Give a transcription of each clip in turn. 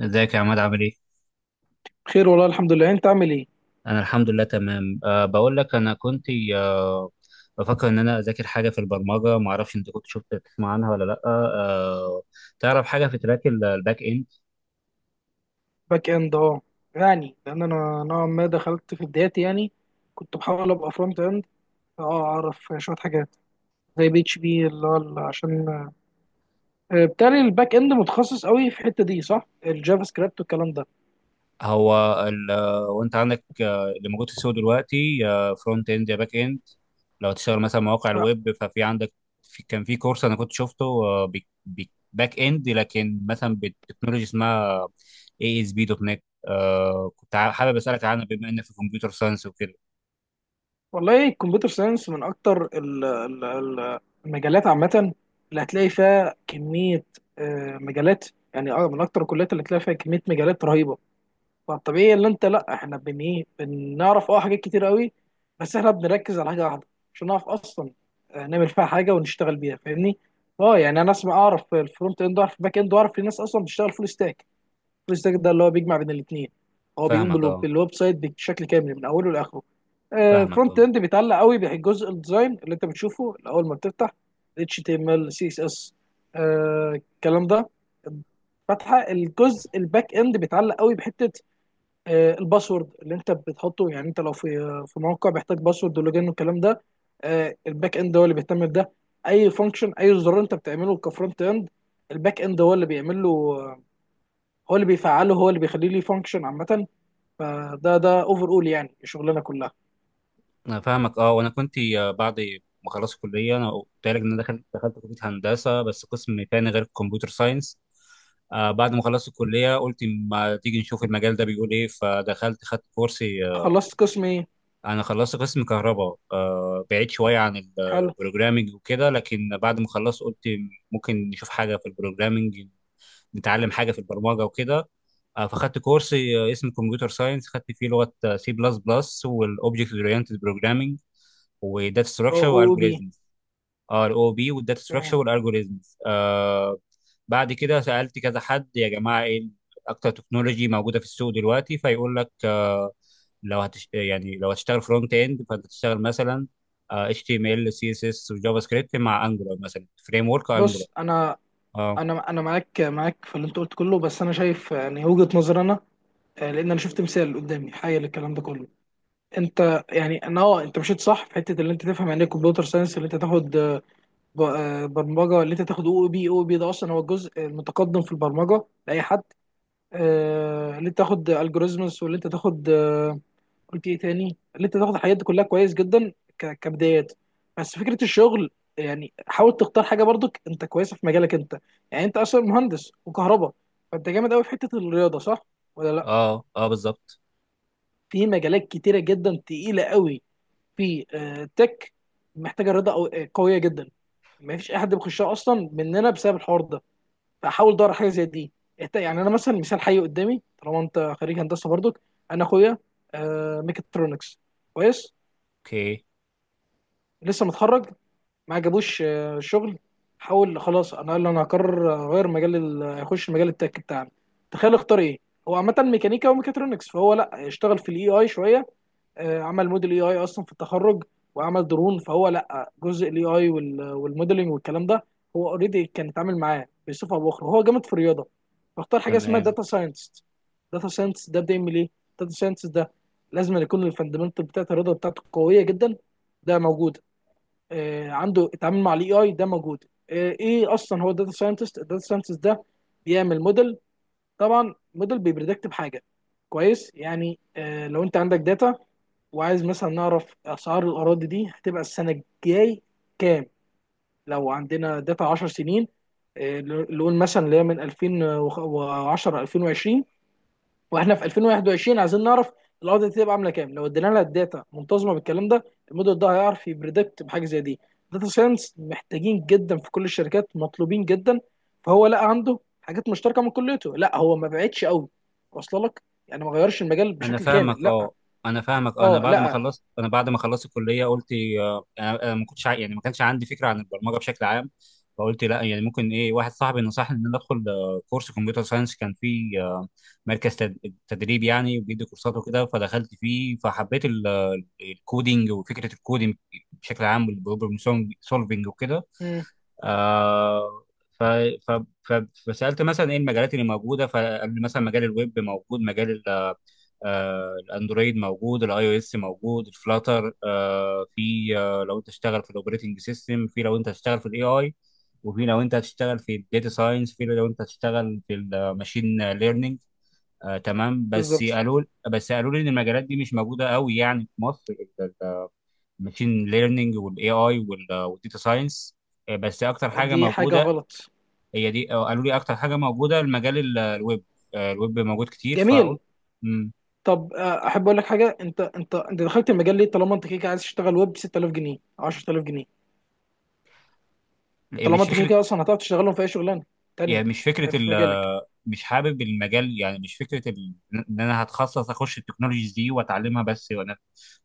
ازيك يا عماد عامل ايه؟ خير والله، الحمد لله. انت عامل ايه؟ انا الحمد لله تمام. بقول لك انا كنت، أه بفكر ان انا اذاكر حاجه في البرمجه. ما اعرفش انت كنت شفت تسمع عنها ولا لا؟ تعرف حاجه في تراك الباك اند؟ باك اند، اه. يعني لان انا نوعا ما دخلت في بداياتي، يعني كنت بحاول ابقى فرونت اند. اه اعرف شويه حاجات زي بي اتش بي اللي هو عشان بالتالي الباك اند متخصص قوي في الحته دي، صح؟ الجافا سكريبت والكلام ده. هو ال... وانت عندك اللي موجود في السوق دلوقتي، فرونت اند يا باك اند. لو تشتغل مثلا مواقع آه، الويب ففي عندك، في كان في كورس انا كنت شفته، باك اند، لكن مثلا بتكنولوجي اسمها اي اس بي دوت نت. كنت حابب اسالك عنها بما انك في كمبيوتر ساينس وكده. والله الكمبيوتر ساينس من اكتر المجالات عامه اللي هتلاقي فيها كميه مجالات. يعني من اكتر الكليات اللي هتلاقي فيها كميه مجالات رهيبه. فالطبيعي اللي انت، لا، احنا بن ايه، بنعرف حاجات كتير قوي. بس احنا بنركز على حاجه واحده عشان نعرف اصلا نعمل فيها حاجه ونشتغل بيها، فاهمني؟ اه يعني انا اسمع، اعرف الفرونت اند، اعرف الباك اند، واعرف في ناس اصلا بتشتغل فول ستاك. فول ستاك ده اللي هو بيجمع بين الاثنين. هو بيقوم فاهمك اه. بالويب سايت بشكل كامل من اوله لاخره. فاهمك الفرونت اه. اند بيتعلق قوي بجزء الديزاين اللي انت بتشوفه اول ما بتفتح، HTML CSS الكلام ده. فاتحه الجزء الباك اند بيتعلق قوي بحته الباسورد اللي انت بتحطه. يعني انت لو في موقع بيحتاج باسورد ولوجين والكلام ده، الباك اند هو اللي بيهتم بده. اي فانكشن، اي زرار انت بتعمله كفرونت اند، الباك اند هو اللي بيعمل له، هو اللي بيفعله، هو اللي بيخليه ليه فانكشن عامه. فده ده اوفر اول يعني الشغلانه كلها. انا فاهمك اه. وانا كنت، بعد ما خلصت الكليه انا قلت لك ان انا دخلت كليه هندسه بس قسم تاني غير الكمبيوتر ساينس. بعد ما خلصت الكليه قلت ما تيجي نشوف المجال ده بيقول ايه، فدخلت خدت كورس. خلصت قسم ايه؟ انا خلصت قسم كهرباء. بعيد شويه عن حلو. البروجرامينج وكده، لكن بعد ما خلصت قلت ممكن نشوف حاجه في البروجرامينج، نتعلم حاجه في البرمجه وكده. فخدت كورس اسمه كمبيوتر ساينس، خدت فيه لغه سي بلس بلس والاوبجكت اورينتد بروجرامينج وداتا او، ستراكشر او بي. والجوريزمز. ار او بي والداتا ستراكشر تمام. والالجوريزمز. بعد كده سالت كذا حد، يا جماعه ايه اكتر تكنولوجي موجوده في السوق دلوقتي؟ فيقول لك يعني لو هتشتغل فرونت اند فانت تشتغل مثلا HTML CSS وجافا سكريبت، مع انجولار، مثلا فريم ورك انجولار. بص انا، اه انا معاك، في اللي انت قلت كله. بس انا شايف، يعني، وجهه نظري انا. لان انا شفت مثال قدامي حي للكلام ده كله. انت، يعني، انا انت مشيت صح في حته اللي انت تفهم يعني ايه كمبيوتر ساينس، اللي انت تاخد برمجه، اللي انت تاخد او بي. او بي ده اصلا هو الجزء المتقدم في البرمجه لاي حد. اللي انت تاخد الجوريزمز، واللي انت تاخد قلت ايه تاني، اللي انت تاخد الحاجات دي كلها كويس جدا كبدايات. بس فكره الشغل، يعني حاول تختار حاجه برضك انت كويسه في مجالك انت. يعني انت اصلا مهندس وكهرباء، فانت جامد قوي في حته الرياضه، صح ولا لا؟ اه اه بالظبط. في مجالات كتيره جدا تقيله قوي. في تك محتاجه رضا أو- آه، قويه جدا، ما فيش اي حد بيخشها اصلا مننا بسبب الحوار ده. فحاول دور على حاجه زي دي. يعني انا مثلا مثال حي قدامي، طالما انت خريج هندسه برضك. انا اخويا ميكاترونكس. كويس. اوكي لسه متخرج، ما عجبوش شغل. حاول خلاص، انا قال انا هقرر اغير مجال اخش مجال التك بتاعنا. تخيل اختار ايه؟ هو عامه ميكانيكا وميكاترونكس، فهو لا اشتغل في الاي اي شويه، عمل موديل اي اي اصلا في التخرج، وعمل درون. فهو لا جزء الاي اي والموديلنج والكلام ده، هو اوريدي كان اتعامل معاه بصفه او باخرى. هو جامد في الرياضه، فاختار حاجه اسمها تمام. داتا ساينتست. داتا ساينتست ده بيعمل ايه؟ داتا ساينتست ده لازم يكون الفاندمنتال بتاعت الرياضه بتاعته قويه جدا. ده موجود. آه، عنده التعامل مع الاي اي، ده موجود. آه، ايه اصلا هو داتا ساينتست؟ الداتا ساينتست ده بيعمل موديل. طبعا موديل بيبريدكت بحاجه. كويس؟ يعني لو انت عندك داتا وعايز مثلا نعرف اسعار الاراضي دي هتبقى السنه الجاي كام، لو عندنا داتا 10 سنين، آه، نقول مثلا اللي هي من 2010 2020، واحنا في 2021 عايزين نعرف الارض دي تبقى عامله كام لو ادينا لها الداتا منتظمه بالكلام ده. الموديل ده هيعرف يبريدكت بحاجه زي دي. داتا ساينس محتاجين جدا في كل الشركات، مطلوبين جدا. فهو لقى عنده حاجات مشتركه من كليته، لا هو ما بعدش قوي واصله لك. يعني ما غيرش المجال انا بشكل كامل، فاهمك لا. اه. انا فاهمك آه. اه، لا. انا بعد ما خلصت الكليه قلت. آه، انا أنا ما كنتش يعني ما كانش عندي فكره عن البرمجه بشكل عام. فقلت لا يعني، ممكن ايه، واحد صاحبي نصحني ان انا ادخل كورس كمبيوتر ساينس. كان فيه مركز تدريب يعني، وبيدي كورسات وكده. فدخلت فيه فحبيت الكودينج وفكره الكودينج بشكل عام، والبروبلم سولفنج وكده. مم. آه ف ف ف فسالت مثلا ايه المجالات اللي موجوده، فقال لي مثلا مجال الويب موجود، مجال الاندرويد موجود، الاي او اس موجود، الفلاتر. في لو انت تشتغل في الاوبريتنج سيستم، في لو انت هتشتغل في الاي اي، وفي لو انت هتشتغل في الداتا ساينس، في لو انت هتشتغل في الماشين ليرنينج. تمام. بالظبط. بس قالوا لي ان المجالات دي مش موجوده قوي يعني في مصر، الماشين ليرنينج والاي اي والداتا ساينس. بس اكتر حاجه دي حاجه موجوده غلط. هي دي. قالوا لي اكتر حاجه موجوده المجال الويب. الويب موجود كتير. جميل. فقلت مم. طب احب اقول لك حاجه. انت دخلت المجال ليه، طالما انت كده كده عايز تشتغل ويب 6000 جنيه 10000 جنيه؟ طالما مش انت كده فكره. كده اصلا هتعرف تشتغلهم في اي شغلانه تانية يعني مش فكره، في مجالك. مش حابب المجال. يعني مش فكره ان انا هتخصص اخش التكنولوجيز دي واتعلمها بس، وانا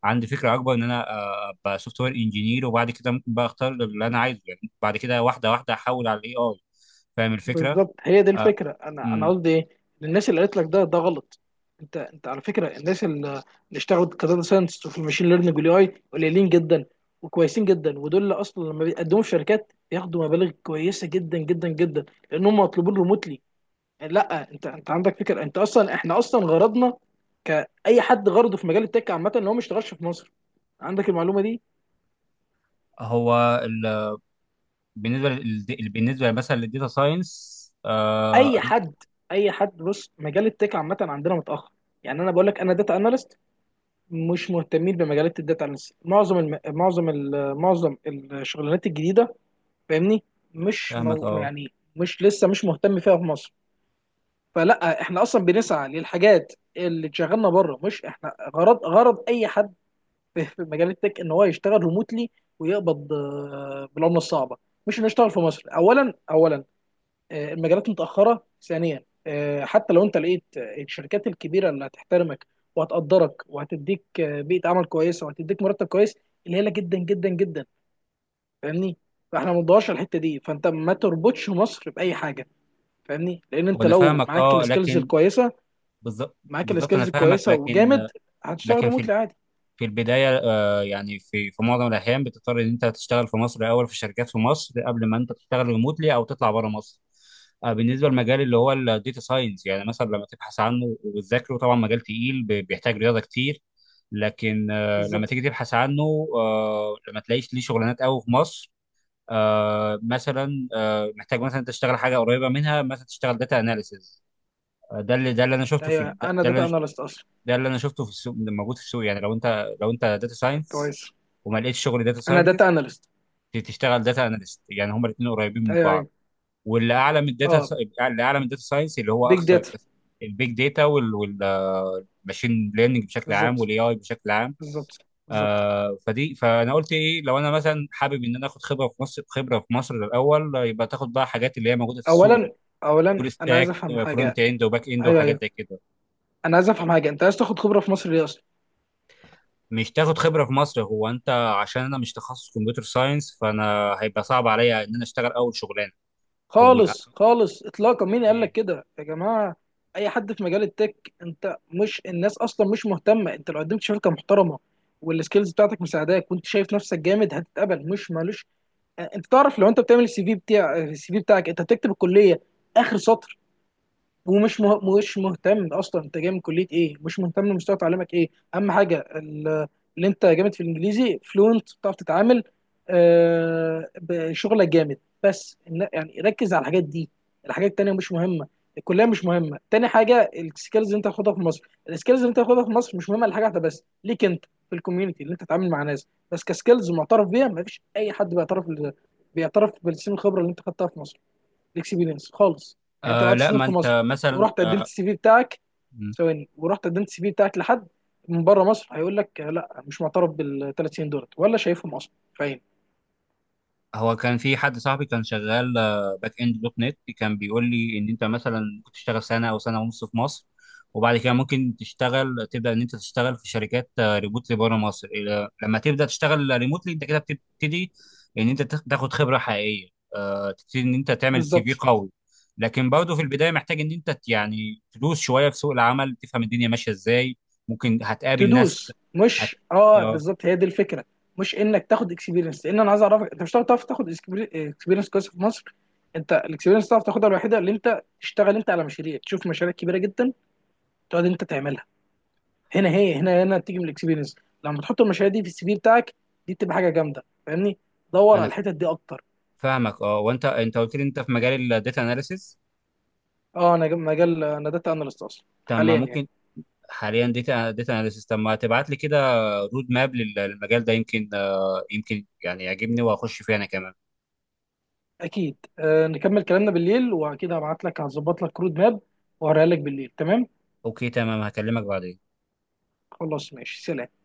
عندي فكره اكبر ان انا ابقى سوفت وير انجينير، وبعد كده ممكن بقى اختار اللي انا عايزه، يعني بعد كده واحده واحده احول على الاي اي. فاهم الفكره؟ بالظبط هي دي آه. الفكره. انا أمم. قصدي ايه، الناس اللي قالت لك ده ده غلط. انت على فكره الناس اللي اشتغلوا كداتا ساينس وفي المشين ليرنينج والاي اي قليلين جدا وكويسين جدا. ودول اللي اصلا لما بيقدموا في شركات بياخدوا مبالغ كويسه جدا جدا جدا، لان هم مطلوبين ريموتلي. لا، انت عندك فكره. انت اصلا احنا اصلا غرضنا كاي حد، غرضه في مجال التك عامه ان هو ما يشتغلش في مصر. عندك المعلومه دي؟ هو ال... بالنسبه لل... بالنسبه مثلا للديتا ساينس. اي أنا حد اي حد بص، مجال التك عامه عندنا متاخر. يعني انا بقول لك انا داتا اناليست، مش مهتمين بمجالات الداتا اناليست. معظم معظم الشغلانات الجديده فاهمني. مش فاهمك اه. يعني مش لسه مش مهتم فيها في مصر. فلا احنا اصلا بنسعى للحاجات اللي شغلنا بره. مش احنا غرض، غرض اي حد في مجال التك ان هو يشتغل ريموتلي ويقبض بالعمله الصعبه. مش انه يشتغل في مصر. اولا المجالات متاخره. ثانيا حتى لو انت لقيت الشركات الكبيره اللي هتحترمك وهتقدرك وهتديك بيئه عمل كويسه وهتديك مرتب كويس، قليله جدا جدا جدا. فاهمني؟ فاحنا ما ندورش على الحته دي. فانت ما تربطش مصر باي حاجه فاهمني. لان انت وانا لو فاهمك معاك اه، السكيلز لكن. الكويسه بالظبط، معاك بالظبط. انا السكيلز فاهمك، الكويسه لكن. وجامد، هتشتغل في ريموتلي عادي. البداية، يعني في معظم الأحيان بتضطر إن أنت تشتغل في مصر الأول، في شركات في مصر، قبل ما أنت تشتغل ريموتلي أو تطلع بره مصر. بالنسبة للمجال اللي هو الداتا ساينس، يعني مثلا لما تبحث عنه وتذاكره طبعا مجال تقيل، بيحتاج رياضة كتير. لكن لما بالظبط. تيجي تبحث عنه، لما تلاقيش ليه شغلانات قوي في مصر. مثلا محتاج مثلا تشتغل حاجة قريبة منها، مثلا تشتغل داتا أناليسز. ده اللي ده اللي أنا شفته في ايوه، ده انا اللي داتا أنا اناليست اصلا. ده اللي انا شفته في السوق، موجود في السوق. يعني لو انت داتا ساينس كويس. وما لقيتش شغل داتا انا ساينتست، داتا اناليست. تشتغل داتا اناليست، يعني هما الاثنين قريبين من ايوه، بعض. ايوه. واللي اعلى من الداتا، اه. اللي اعلى من الداتا ساينس اللي هو بيج اكثر، داتا. البيج داتا والماشين ليرنينج بشكل عام بالظبط والاي اي بشكل عام. بالظبط بالظبط فدي، فانا قلت ايه لو انا مثلا حابب ان انا اخد خبره في مصر، خبره في مصر الاول. يبقى تاخد بقى حاجات اللي هي موجوده في السوق: اولا اولا فول انا عايز ستاك، افهم فرونت حاجه. اند وباك اند ايوه، وحاجات ايوه. زي كده. انا عايز افهم حاجه. انت عايز تاخد خبره في مصر ليه اصلا؟ مش تاخد خبرة في مصر هو انت. عشان انا مش تخصص كمبيوتر ساينس، فانا هيبقى صعب عليا ان انا اشتغل اول شغلانة. او آه، خالص خالص اطلاقا. مين قال لك اوكي. كده يا جماعه؟ اي حد في مجال التك، انت مش الناس اصلا مش مهتمه. انت لو قدمت شركه محترمه والسكيلز بتاعتك مساعداك وانت شايف نفسك جامد هتتقبل، مش مالوش. انت تعرف لو انت بتعمل السي في، بتاع السي في بتاعك انت بتكتب الكليه اخر سطر، ومش مش مهتم اصلا انت جاي من كليه ايه. مش مهتم مستوى تعليمك ايه. اهم حاجه اللي انت جامد في الانجليزي، فلوينت، بتعرف تتعامل بشغلك جامد. بس يعني ركز على الحاجات دي. الحاجات التانيه مش مهمه. الكليه مش مهمه. تاني حاجه، السكيلز اللي انت هتاخدها في مصر، السكيلز اللي انت هتاخدها في مصر مش مهمه لحاجه واحده بس ليك انت في الكوميونتي اللي انت تتعامل مع ناس بس كسكيلز معترف بيها. ما فيش اي حد بيعترف بالسن الخبره اللي انت خدتها في مصر. الاكسبيرينس خالص. يعني انت لو قعدت لا، سنين ما في مصر انت مثلا ورحت قدمت السي في بتاعك، ثواني، ورحت قدمت السي في بتاعك لحد من بره مصر، هيقول لك لا، مش معترف بالثلاث سنين دولت ولا شايفهم اصلا. فاهم؟ هو كان في حد صاحبي كان شغال باك اند دوت نت، كان بيقول لي ان انت مثلا ممكن تشتغل سنه او سنه ونص في مصر، وبعد كده ممكن تشتغل، تبدا ان انت تشتغل في شركات ريموتلي بره مصر. لما تبدا تشتغل ريموتلي انت كده بتبتدي ان انت تاخد خبره حقيقيه، تبتدي ان انت تعمل سي بالظبط. في قوي. لكن برضه في البدايه محتاج ان انت يعني تدوس شويه في سوق العمل، تفهم الدنيا ماشيه ازاي. ممكن هتقابل ناس تدوس، هت... مش اه، اه. بالظبط هي دي الفكره. مش انك تاخد اكسبيرينس. لان انا عايز اعرفك، انت مش هتعرف تعرف تاخد اكسبيرينس كويسه في مصر. انت الاكسبيرينس تعرف تاخدها الوحيده اللي انت تشتغل انت على مشاريع، تشوف مشاريع كبيره جدا تقعد انت تعملها. هنا هي، هنا بتيجي من الاكسبيرينس. لما تحط المشاريع دي في السي في بتاعك، دي بتبقى حاجه جامده فاهمني. دور على انا الحتت دي اكتر. فاهمك اه. وانت قلت لي انت في مجال الداتا اناليسيس. اه، انا مجال انا داتا اناليست اصلا طب ما حاليا يعني. ممكن حاليا داتا اناليسيس. طب ما تبعت لي كده رود ماب للمجال ده، يمكن يمكن يعني يعجبني واخش فيه انا كمان. اكيد. آه، نكمل كلامنا بالليل، واكيد هبعت لك، هظبط لك رود ماب وهوريها لك بالليل. تمام؟ اوكي تمام، هكلمك بعدين. خلاص ماشي، سلام.